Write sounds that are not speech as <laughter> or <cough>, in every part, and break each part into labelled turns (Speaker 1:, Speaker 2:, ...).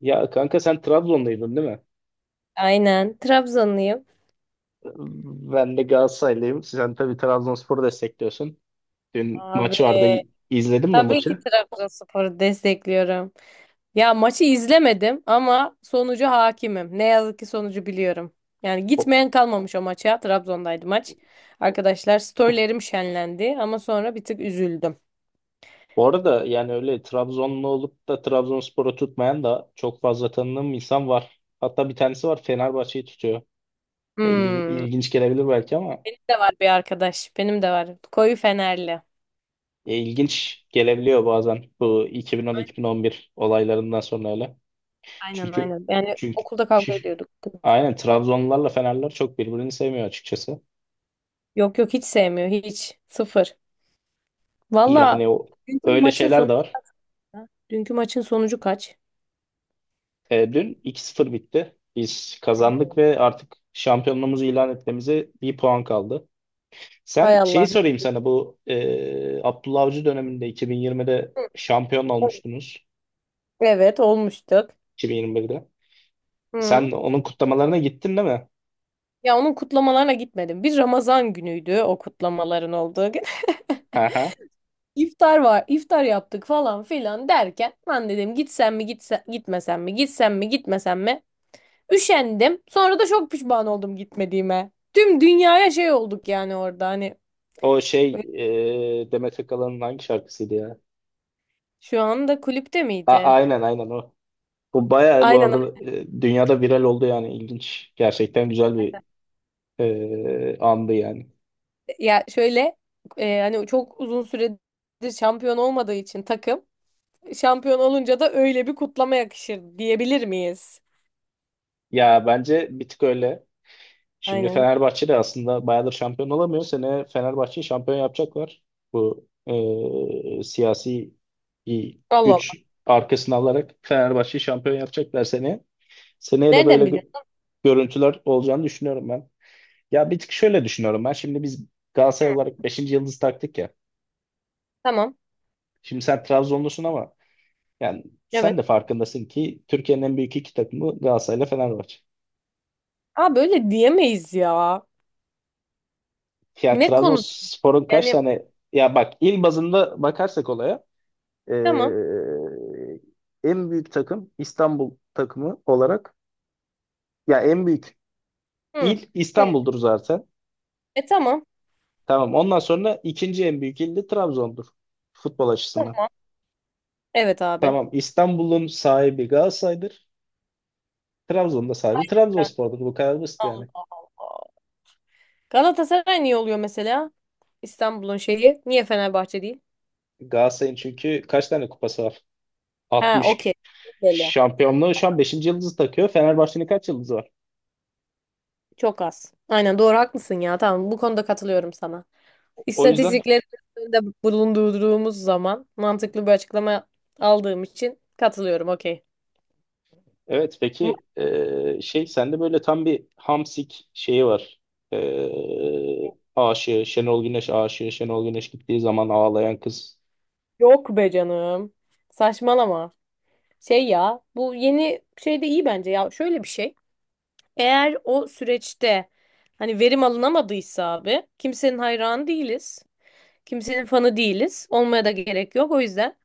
Speaker 1: Ya kanka sen Trabzonluydun değil mi?
Speaker 2: Aynen. Trabzonluyum.
Speaker 1: Ben de Galatasaraylıyım. Sen tabii Trabzonspor'u destekliyorsun. Dün
Speaker 2: Abi
Speaker 1: maç vardı. İzledin mi
Speaker 2: tabii ki
Speaker 1: maçı?
Speaker 2: Trabzonspor'u destekliyorum. Ya maçı izlemedim ama sonucu hakimim. Ne yazık ki sonucu biliyorum. Yani
Speaker 1: O-
Speaker 2: gitmeyen kalmamış o maça. Trabzon'daydı maç. Arkadaşlar storylerim şenlendi ama sonra bir tık üzüldüm.
Speaker 1: Bu arada yani öyle Trabzonlu olup da Trabzonspor'u tutmayan da çok fazla tanıdığım insan var. Hatta bir tanesi var Fenerbahçe'yi tutuyor.
Speaker 2: Hmm.
Speaker 1: İlginç gelebilir belki ama
Speaker 2: Benim de var bir arkadaş. Benim de var. Koyu Fenerli.
Speaker 1: ilginç gelebiliyor bazen bu 2010-2011 olaylarından sonra öyle.
Speaker 2: Aynen
Speaker 1: Çünkü
Speaker 2: aynen. Yani
Speaker 1: çünkü
Speaker 2: okulda kavga
Speaker 1: <laughs>
Speaker 2: ediyorduk kızla.
Speaker 1: aynen Trabzonlularla Fenerler çok birbirini sevmiyor açıkçası.
Speaker 2: Yok yok hiç sevmiyor. Hiç. Sıfır. Valla
Speaker 1: Yani o,
Speaker 2: dünkü
Speaker 1: öyle
Speaker 2: maçın
Speaker 1: şeyler
Speaker 2: sonu.
Speaker 1: de var.
Speaker 2: Dünkü maçın sonucu kaç?
Speaker 1: Dün 2-0 bitti. Biz kazandık
Speaker 2: Hmm.
Speaker 1: ve artık şampiyonluğumuzu ilan etmemize bir puan kaldı.
Speaker 2: Hay
Speaker 1: Sen şeyi
Speaker 2: Allah.
Speaker 1: sorayım sana bu Abdullah Avcı döneminde 2020'de şampiyon
Speaker 2: Evet
Speaker 1: olmuştunuz.
Speaker 2: evet, olmuştuk.
Speaker 1: 2021'de. Sen
Speaker 2: Hı.
Speaker 1: onun kutlamalarına gittin değil mi?
Speaker 2: Ya onun kutlamalarına gitmedim. Bir Ramazan günüydü o kutlamaların olduğu gün.
Speaker 1: Hı hı.
Speaker 2: <laughs> İftar var, iftar yaptık falan filan derken ben dedim gitsem mi gitmesem mi gitsem mi gitmesem mi üşendim. Sonra da çok pişman oldum gitmediğime. Tüm dünyaya şey olduk yani orada hani
Speaker 1: O şey
Speaker 2: böyle
Speaker 1: Demet Akalın'ın hangi şarkısıydı ya?
Speaker 2: şu anda kulüpte
Speaker 1: A
Speaker 2: miydi?
Speaker 1: aynen aynen o. Bu bayağı bu
Speaker 2: Aynen öyle.
Speaker 1: arada dünyada viral oldu yani ilginç. Gerçekten güzel bir andı yani.
Speaker 2: Ya şöyle hani çok uzun süredir şampiyon olmadığı için takım şampiyon olunca da öyle bir kutlama yakışır diyebilir miyiz?
Speaker 1: Ya bence bir tık öyle. Şimdi
Speaker 2: Aynen.
Speaker 1: Fenerbahçe de aslında bayağıdır şampiyon olamıyor. Sene Fenerbahçe'yi şampiyon yapacaklar. Bu siyasi bir
Speaker 2: Allah Allah.
Speaker 1: güç arkasına alarak Fenerbahçe'yi şampiyon yapacaklar seneye. Seneye de böyle
Speaker 2: Nereden biliyorsun?
Speaker 1: görüntüler olacağını düşünüyorum ben. Ya bir tık şöyle düşünüyorum ben. Şimdi biz
Speaker 2: Hı.
Speaker 1: Galatasaray olarak beşinci yıldız taktık ya.
Speaker 2: Tamam.
Speaker 1: Şimdi sen Trabzonlusun ama yani sen
Speaker 2: Evet.
Speaker 1: de farkındasın ki Türkiye'nin en büyük iki takımı Galatasaray ile Fenerbahçe.
Speaker 2: Aa böyle diyemeyiz ya.
Speaker 1: Ya
Speaker 2: Ne konu?
Speaker 1: Trabzonspor'un kaç
Speaker 2: Yani
Speaker 1: tane ya bak il bazında bakarsak olaya
Speaker 2: tamam.
Speaker 1: eee, en büyük takım İstanbul takımı olarak ya en büyük
Speaker 2: Hı.
Speaker 1: il
Speaker 2: Hı.
Speaker 1: İstanbul'dur zaten.
Speaker 2: E tamam.
Speaker 1: Tamam ondan sonra ikinci en büyük il de Trabzon'dur futbol açısından.
Speaker 2: Tamam. Evet abi.
Speaker 1: Tamam İstanbul'un sahibi Galatasaray'dır. Trabzon'da sahibi Trabzonspor'dur. Bu kadar basit yani.
Speaker 2: Allah Allah. Galatasaray niye oluyor mesela? İstanbul'un şeyi. Niye Fenerbahçe değil?
Speaker 1: Galatasaray'ın çünkü kaç tane kupası var?
Speaker 2: Ha
Speaker 1: 60.
Speaker 2: okey. Belli.
Speaker 1: Şampiyonluğu şu an beşinci yıldızı takıyor. Fenerbahçe'nin kaç yıldızı var?
Speaker 2: Çok az. Aynen doğru haklısın ya. Tamam bu konuda katılıyorum sana.
Speaker 1: O yüzden.
Speaker 2: İstatistikleri de bulundurduğumuz zaman mantıklı bir açıklama aldığım için katılıyorum. Okey.
Speaker 1: Evet,
Speaker 2: Ama
Speaker 1: peki, şey sende böyle tam bir hamsik şeyi var. Aşığı Şenol Güneş aşığı Şenol Güneş gittiği zaman ağlayan kız.
Speaker 2: yok be canım. Saçmalama. Şey ya bu yeni şey de iyi bence ya. Şöyle bir şey. Eğer o süreçte hani verim alınamadıysa abi kimsenin hayranı değiliz. Kimsenin fanı değiliz. Olmaya da gerek yok. O yüzden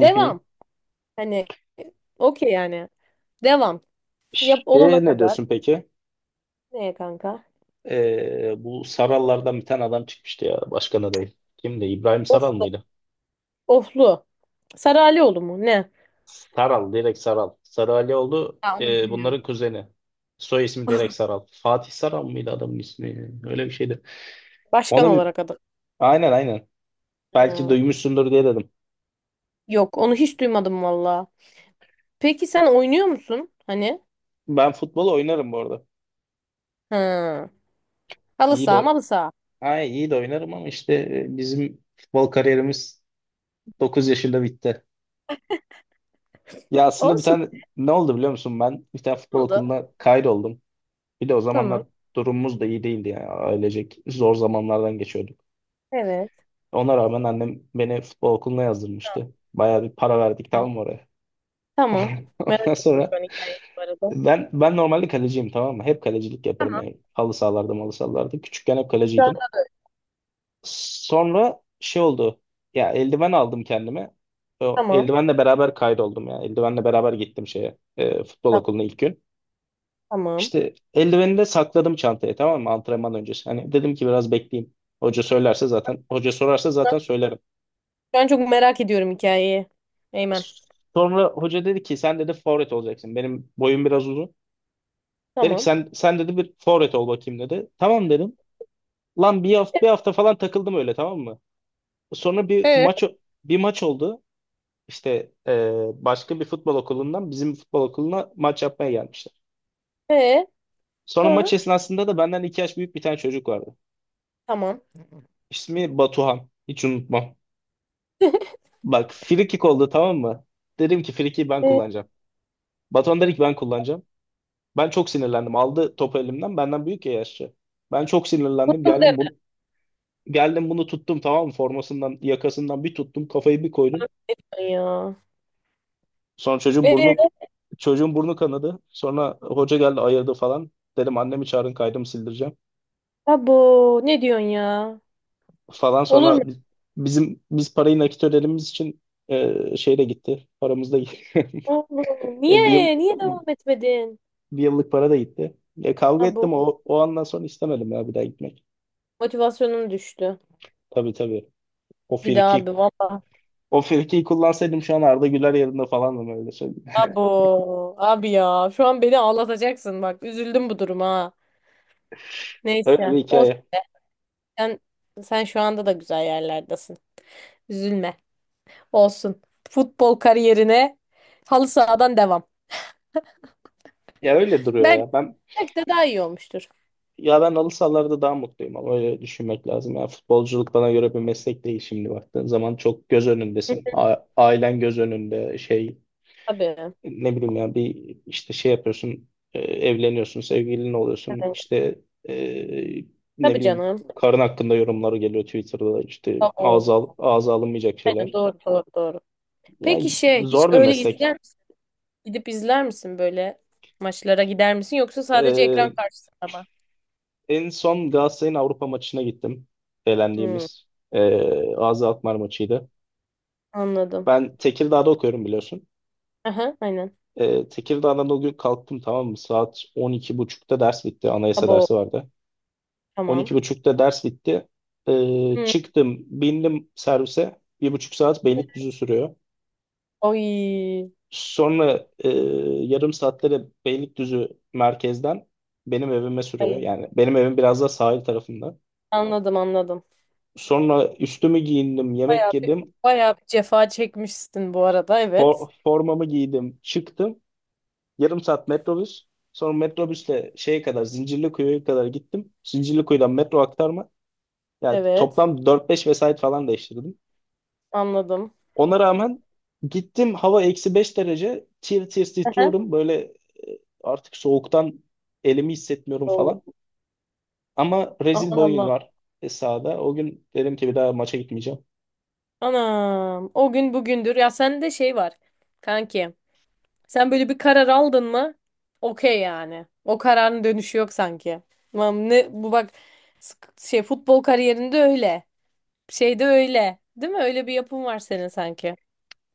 Speaker 1: Hı hı.
Speaker 2: Hani okey yani. Devam. Yap olana
Speaker 1: Şey ne
Speaker 2: kadar.
Speaker 1: diyorsun peki?
Speaker 2: Neye kanka?
Speaker 1: Bu Sarallardan bir tane adam çıkmıştı ya başkan adayı. Kimdi? İbrahim Saral mıydı?
Speaker 2: Oflu. Saralioğlu mu? Ne?
Speaker 1: Saral direkt Saral. Sarı Alioğlu
Speaker 2: Ya onu bilmiyorum.
Speaker 1: bunların kuzeni. Soy ismi direkt
Speaker 2: <laughs>
Speaker 1: Saral. Fatih Saral mıydı adamın ismi? Öyle bir şeydi.
Speaker 2: Başkan
Speaker 1: Ona bir
Speaker 2: olarak adı.
Speaker 1: aynen aynen. Belki
Speaker 2: Ha,
Speaker 1: duymuşsundur diye dedim.
Speaker 2: yok onu hiç duymadım valla. Peki sen oynuyor musun? Hani?
Speaker 1: Ben futbol oynarım bu arada.
Speaker 2: Ha. Halı
Speaker 1: İyi
Speaker 2: saha
Speaker 1: de
Speaker 2: malı saha.
Speaker 1: iyi de oynarım ama işte bizim futbol kariyerimiz 9 yaşında bitti. Ya aslında bir
Speaker 2: Olsun.
Speaker 1: tane ne oldu biliyor musun? Ben bir tane
Speaker 2: Ne
Speaker 1: futbol
Speaker 2: oldu.
Speaker 1: okuluna kaydoldum. Bir de o
Speaker 2: Tamam.
Speaker 1: zamanlar durumumuz da iyi değildi yani ailecek zor zamanlardan geçiyorduk.
Speaker 2: Evet.
Speaker 1: Ona rağmen annem beni futbol okuluna yazdırmıştı. Bayağı bir para verdik tamam
Speaker 2: Evet.
Speaker 1: mı oraya?
Speaker 2: Tamam.
Speaker 1: <laughs>
Speaker 2: Merak
Speaker 1: Ondan
Speaker 2: ettim şu
Speaker 1: sonra
Speaker 2: an hikayeyi bu arada.
Speaker 1: ben normalde kaleciyim tamam mı? Hep kalecilik yaparım
Speaker 2: Tamam.
Speaker 1: yani. Halı sahalarda, malı sahalarda. Küçükken hep
Speaker 2: Şu an-
Speaker 1: kaleciydim. Sonra şey oldu. Ya eldiven aldım kendime. O
Speaker 2: Tamam.
Speaker 1: eldivenle beraber kaydoldum ya. Eldivenle beraber gittim şeye. Futbol
Speaker 2: Ta-
Speaker 1: okuluna ilk gün.
Speaker 2: Tamam.
Speaker 1: İşte eldiveni de sakladım çantaya tamam mı? Antrenman öncesi. Hani dedim ki biraz bekleyeyim. Hoca söylerse zaten, hoca sorarsa zaten söylerim.
Speaker 2: Şu an çok merak ediyorum hikayeyi. Eymen.
Speaker 1: Sonra hoca dedi ki sen dedi forvet olacaksın. Benim boyum biraz uzun. Dedi ki
Speaker 2: Tamam.
Speaker 1: sen dedi bir forvet ol bakayım dedi. Tamam dedim. Lan bir hafta, bir hafta falan takıldım öyle tamam mı? Sonra
Speaker 2: Ee?
Speaker 1: bir maç oldu. İşte başka bir futbol okulundan bizim futbol okuluna maç yapmaya gelmişler.
Speaker 2: Ee?
Speaker 1: Sonra maç
Speaker 2: Sonra?
Speaker 1: esnasında da benden 2 yaş büyük bir tane çocuk vardı.
Speaker 2: Tamam.
Speaker 1: İsmi Batuhan. Hiç unutmam. Bak free kick oldu tamam mı? Dedim ki free kick'i ben
Speaker 2: Ee?
Speaker 1: kullanacağım. Batuhan dedi ki ben kullanacağım. Ben çok sinirlendim. Aldı topu elimden. Benden büyük ya yaşça. Ben çok sinirlendim. Geldim bunu tuttum tamam mı? Formasından, yakasından bir tuttum. Kafayı bir koydum.
Speaker 2: Ya.
Speaker 1: Sonra çocuğun burnu
Speaker 2: Ee?
Speaker 1: çocuğun burnu kanadı. Sonra hoca geldi ayırdı falan. Dedim annemi çağırın kaydımı sildireceğim.
Speaker 2: Abo. Ne diyorsun ya?
Speaker 1: Falan
Speaker 2: Olur mu?
Speaker 1: sonra bizim parayı nakit ödediğimiz için şey de gitti. Paramız da gitti. <laughs>
Speaker 2: Oğlum
Speaker 1: E, bir yıl
Speaker 2: niye? Niye devam etmedin?
Speaker 1: bir yıllık para da gitti. Kavga
Speaker 2: Abo
Speaker 1: ettim o andan sonra istemedim ya bir daha gitmek.
Speaker 2: motivasyonum düştü.
Speaker 1: Tabii tabii. O
Speaker 2: Bir daha
Speaker 1: firki
Speaker 2: abi valla.
Speaker 1: O firkiyi kullansaydım şu an Arda Güler yerinde falandım öyle söyleyeyim.
Speaker 2: Abo abi ya şu an beni ağlatacaksın bak üzüldüm bu duruma. Ha.
Speaker 1: <laughs> Öyle bir
Speaker 2: Neyse olsun
Speaker 1: hikaye.
Speaker 2: sen, sen, şu anda da güzel yerlerdesin. Üzülme olsun. Futbol kariyerine halı sahadan devam.
Speaker 1: Ya öyle duruyor
Speaker 2: Belki,
Speaker 1: ya. Ben
Speaker 2: belki de daha iyi olmuştur.
Speaker 1: ya ben halı sahalarda daha mutluyum ama öyle düşünmek lazım. Ya futbolculuk bana göre bir meslek değil şimdi baktığın zaman çok göz
Speaker 2: Hı,
Speaker 1: önündesin. Ailen göz önünde şey
Speaker 2: tabii.
Speaker 1: ne bileyim ya bir işte şey yapıyorsun evleniyorsun sevgilin oluyorsun
Speaker 2: Evet.
Speaker 1: işte e, ne
Speaker 2: Tabii
Speaker 1: bileyim
Speaker 2: canım.
Speaker 1: karın hakkında yorumları geliyor Twitter'da işte ağza,
Speaker 2: Abo.
Speaker 1: ağza alınmayacak
Speaker 2: Aynen
Speaker 1: şeyler.
Speaker 2: doğru doğru doğru. Peki
Speaker 1: Yani
Speaker 2: şey hiç
Speaker 1: zor bir
Speaker 2: öyle
Speaker 1: meslek.
Speaker 2: izleyen gidip izler misin böyle maçlara gider misin yoksa sadece ekran
Speaker 1: E,
Speaker 2: karşısında mı?
Speaker 1: En son Galatasaray'ın Avrupa maçına gittim.
Speaker 2: Hmm,
Speaker 1: Eğlendiğimiz ağza Alkmaar maçıydı.
Speaker 2: anladım.
Speaker 1: Ben Tekirdağ'da okuyorum biliyorsun.
Speaker 2: Aha, aynen.
Speaker 1: Tekirdağ'dan o gün kalktım tamam mı? Saat 12.30'da ders bitti. Anayasa
Speaker 2: Abo
Speaker 1: dersi vardı. On
Speaker 2: tamam.
Speaker 1: iki buçukta ders bitti.
Speaker 2: Hmm,
Speaker 1: Çıktım, bindim servise. 1,5 saat Beylikdüzü sürüyor.
Speaker 2: oy.
Speaker 1: Sonra yarım saatte de Beylikdüzü merkezden benim evime sürüyor.
Speaker 2: Ay,
Speaker 1: Yani benim evim biraz da sahil tarafında.
Speaker 2: anladım anladım.
Speaker 1: Sonra üstümü giyindim,
Speaker 2: Bayağı
Speaker 1: yemek
Speaker 2: bir,
Speaker 1: yedim,
Speaker 2: bayağı bir cefa çekmişsin bu arada, evet.
Speaker 1: formamı giydim, çıktım. Yarım saat metrobüs. Sonra metrobüsle şeye kadar, Zincirlikuyu'ya kadar gittim. Zincirlikuyu'dan metro aktarma. Yani
Speaker 2: Evet
Speaker 1: toplam dört beş vesait falan değiştirdim.
Speaker 2: anladım.
Speaker 1: Ona rağmen gittim hava -5 derece tir tir
Speaker 2: Aha.
Speaker 1: titriyorum böyle artık soğuktan elimi hissetmiyorum
Speaker 2: Oo,
Speaker 1: falan. Ama rezil bir
Speaker 2: aman
Speaker 1: oyun
Speaker 2: Allah.
Speaker 1: var sahada. O gün dedim ki bir daha maça gitmeyeceğim.
Speaker 2: Anam o gün bugündür ya sende şey var kanki. Sen böyle bir karar aldın mı? Okey yani. O kararın dönüşü yok sanki. Tamam ne bu bak futbol kariyerinde öyle. Şeyde öyle. Değil mi? Öyle bir yapım var senin sanki.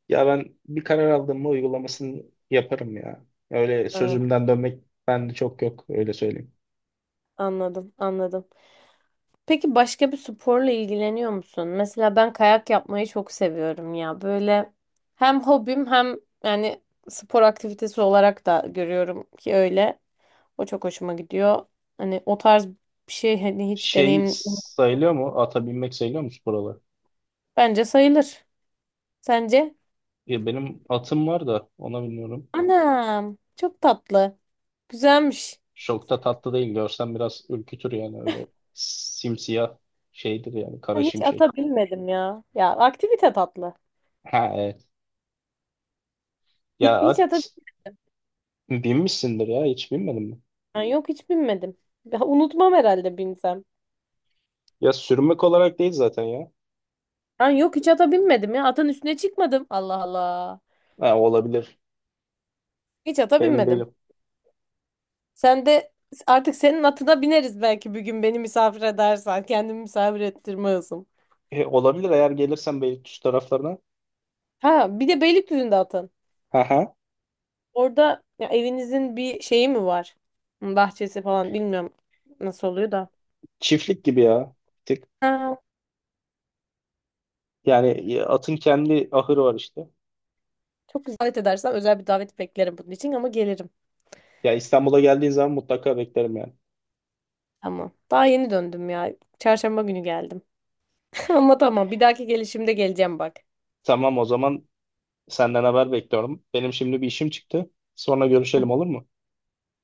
Speaker 1: Ya ben bir karar aldım mı uygulamasını yaparım ya. Öyle
Speaker 2: Ha,
Speaker 1: sözümden dönmek bende çok yok öyle söyleyeyim.
Speaker 2: anladım, anladım. Peki başka bir sporla ilgileniyor musun? Mesela ben kayak yapmayı çok seviyorum ya. Böyle hem hobim hem yani spor aktivitesi olarak da görüyorum ki öyle. O çok hoşuma gidiyor. Hani o tarz bir şey hani hiç
Speaker 1: Şey
Speaker 2: deneyim.
Speaker 1: sayılıyor mu? Ata binmek sayılıyor mu spor olarak?
Speaker 2: Bence sayılır. Sence?
Speaker 1: Ya benim atım var da ona bilmiyorum.
Speaker 2: Anam. Çok tatlı. Güzelmiş.
Speaker 1: Çok da tatlı değil. Görsen biraz ürkütür yani öyle simsiyah şeydir yani kara
Speaker 2: Ben hiç
Speaker 1: şimşek.
Speaker 2: ata binmedim ya. Ya aktivite tatlı.
Speaker 1: Ha evet. Ya
Speaker 2: Hiç ata
Speaker 1: at binmişsindir ya hiç binmedin mi?
Speaker 2: binmem. Yok hiç binmedim. Ya, unutmam herhalde binsem.
Speaker 1: Ya sürmek olarak değil zaten ya.
Speaker 2: Ben yok hiç ata binmedim ya. Atın üstüne çıkmadım. Allah Allah.
Speaker 1: Ha, olabilir.
Speaker 2: Hiç ata
Speaker 1: Emin
Speaker 2: binmedim.
Speaker 1: değilim.
Speaker 2: Sen de artık senin atına bineriz belki bir gün beni misafir edersen. Kendimi misafir ettirme hızım.
Speaker 1: Olabilir eğer gelirsen Beylikdüzü taraflarına.
Speaker 2: Ha bir de Beylikdüzü'nde atın.
Speaker 1: Ha ha.
Speaker 2: Orada ya, evinizin bir şeyi mi var? Bahçesi falan bilmiyorum nasıl oluyor da.
Speaker 1: Çiftlik gibi ya. Bir tık.
Speaker 2: Ha,
Speaker 1: Yani atın kendi ahırı var işte.
Speaker 2: çok güzel. Davet edersen özel bir davet beklerim bunun için ama gelirim.
Speaker 1: Ya İstanbul'a geldiğin zaman mutlaka beklerim yani.
Speaker 2: Tamam. Daha yeni döndüm ya. Çarşamba günü geldim. <laughs> Ama tamam bir dahaki gelişimde geleceğim bak.
Speaker 1: Tamam o zaman senden haber bekliyorum. Benim şimdi bir işim çıktı. Sonra görüşelim olur
Speaker 2: <laughs>
Speaker 1: mu?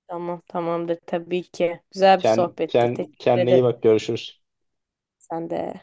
Speaker 2: Tamam tamamdır tabii ki. Güzel bir sohbetti. Teşekkür
Speaker 1: Kendine iyi
Speaker 2: ederim.
Speaker 1: bak görüşürüz.
Speaker 2: Sen de.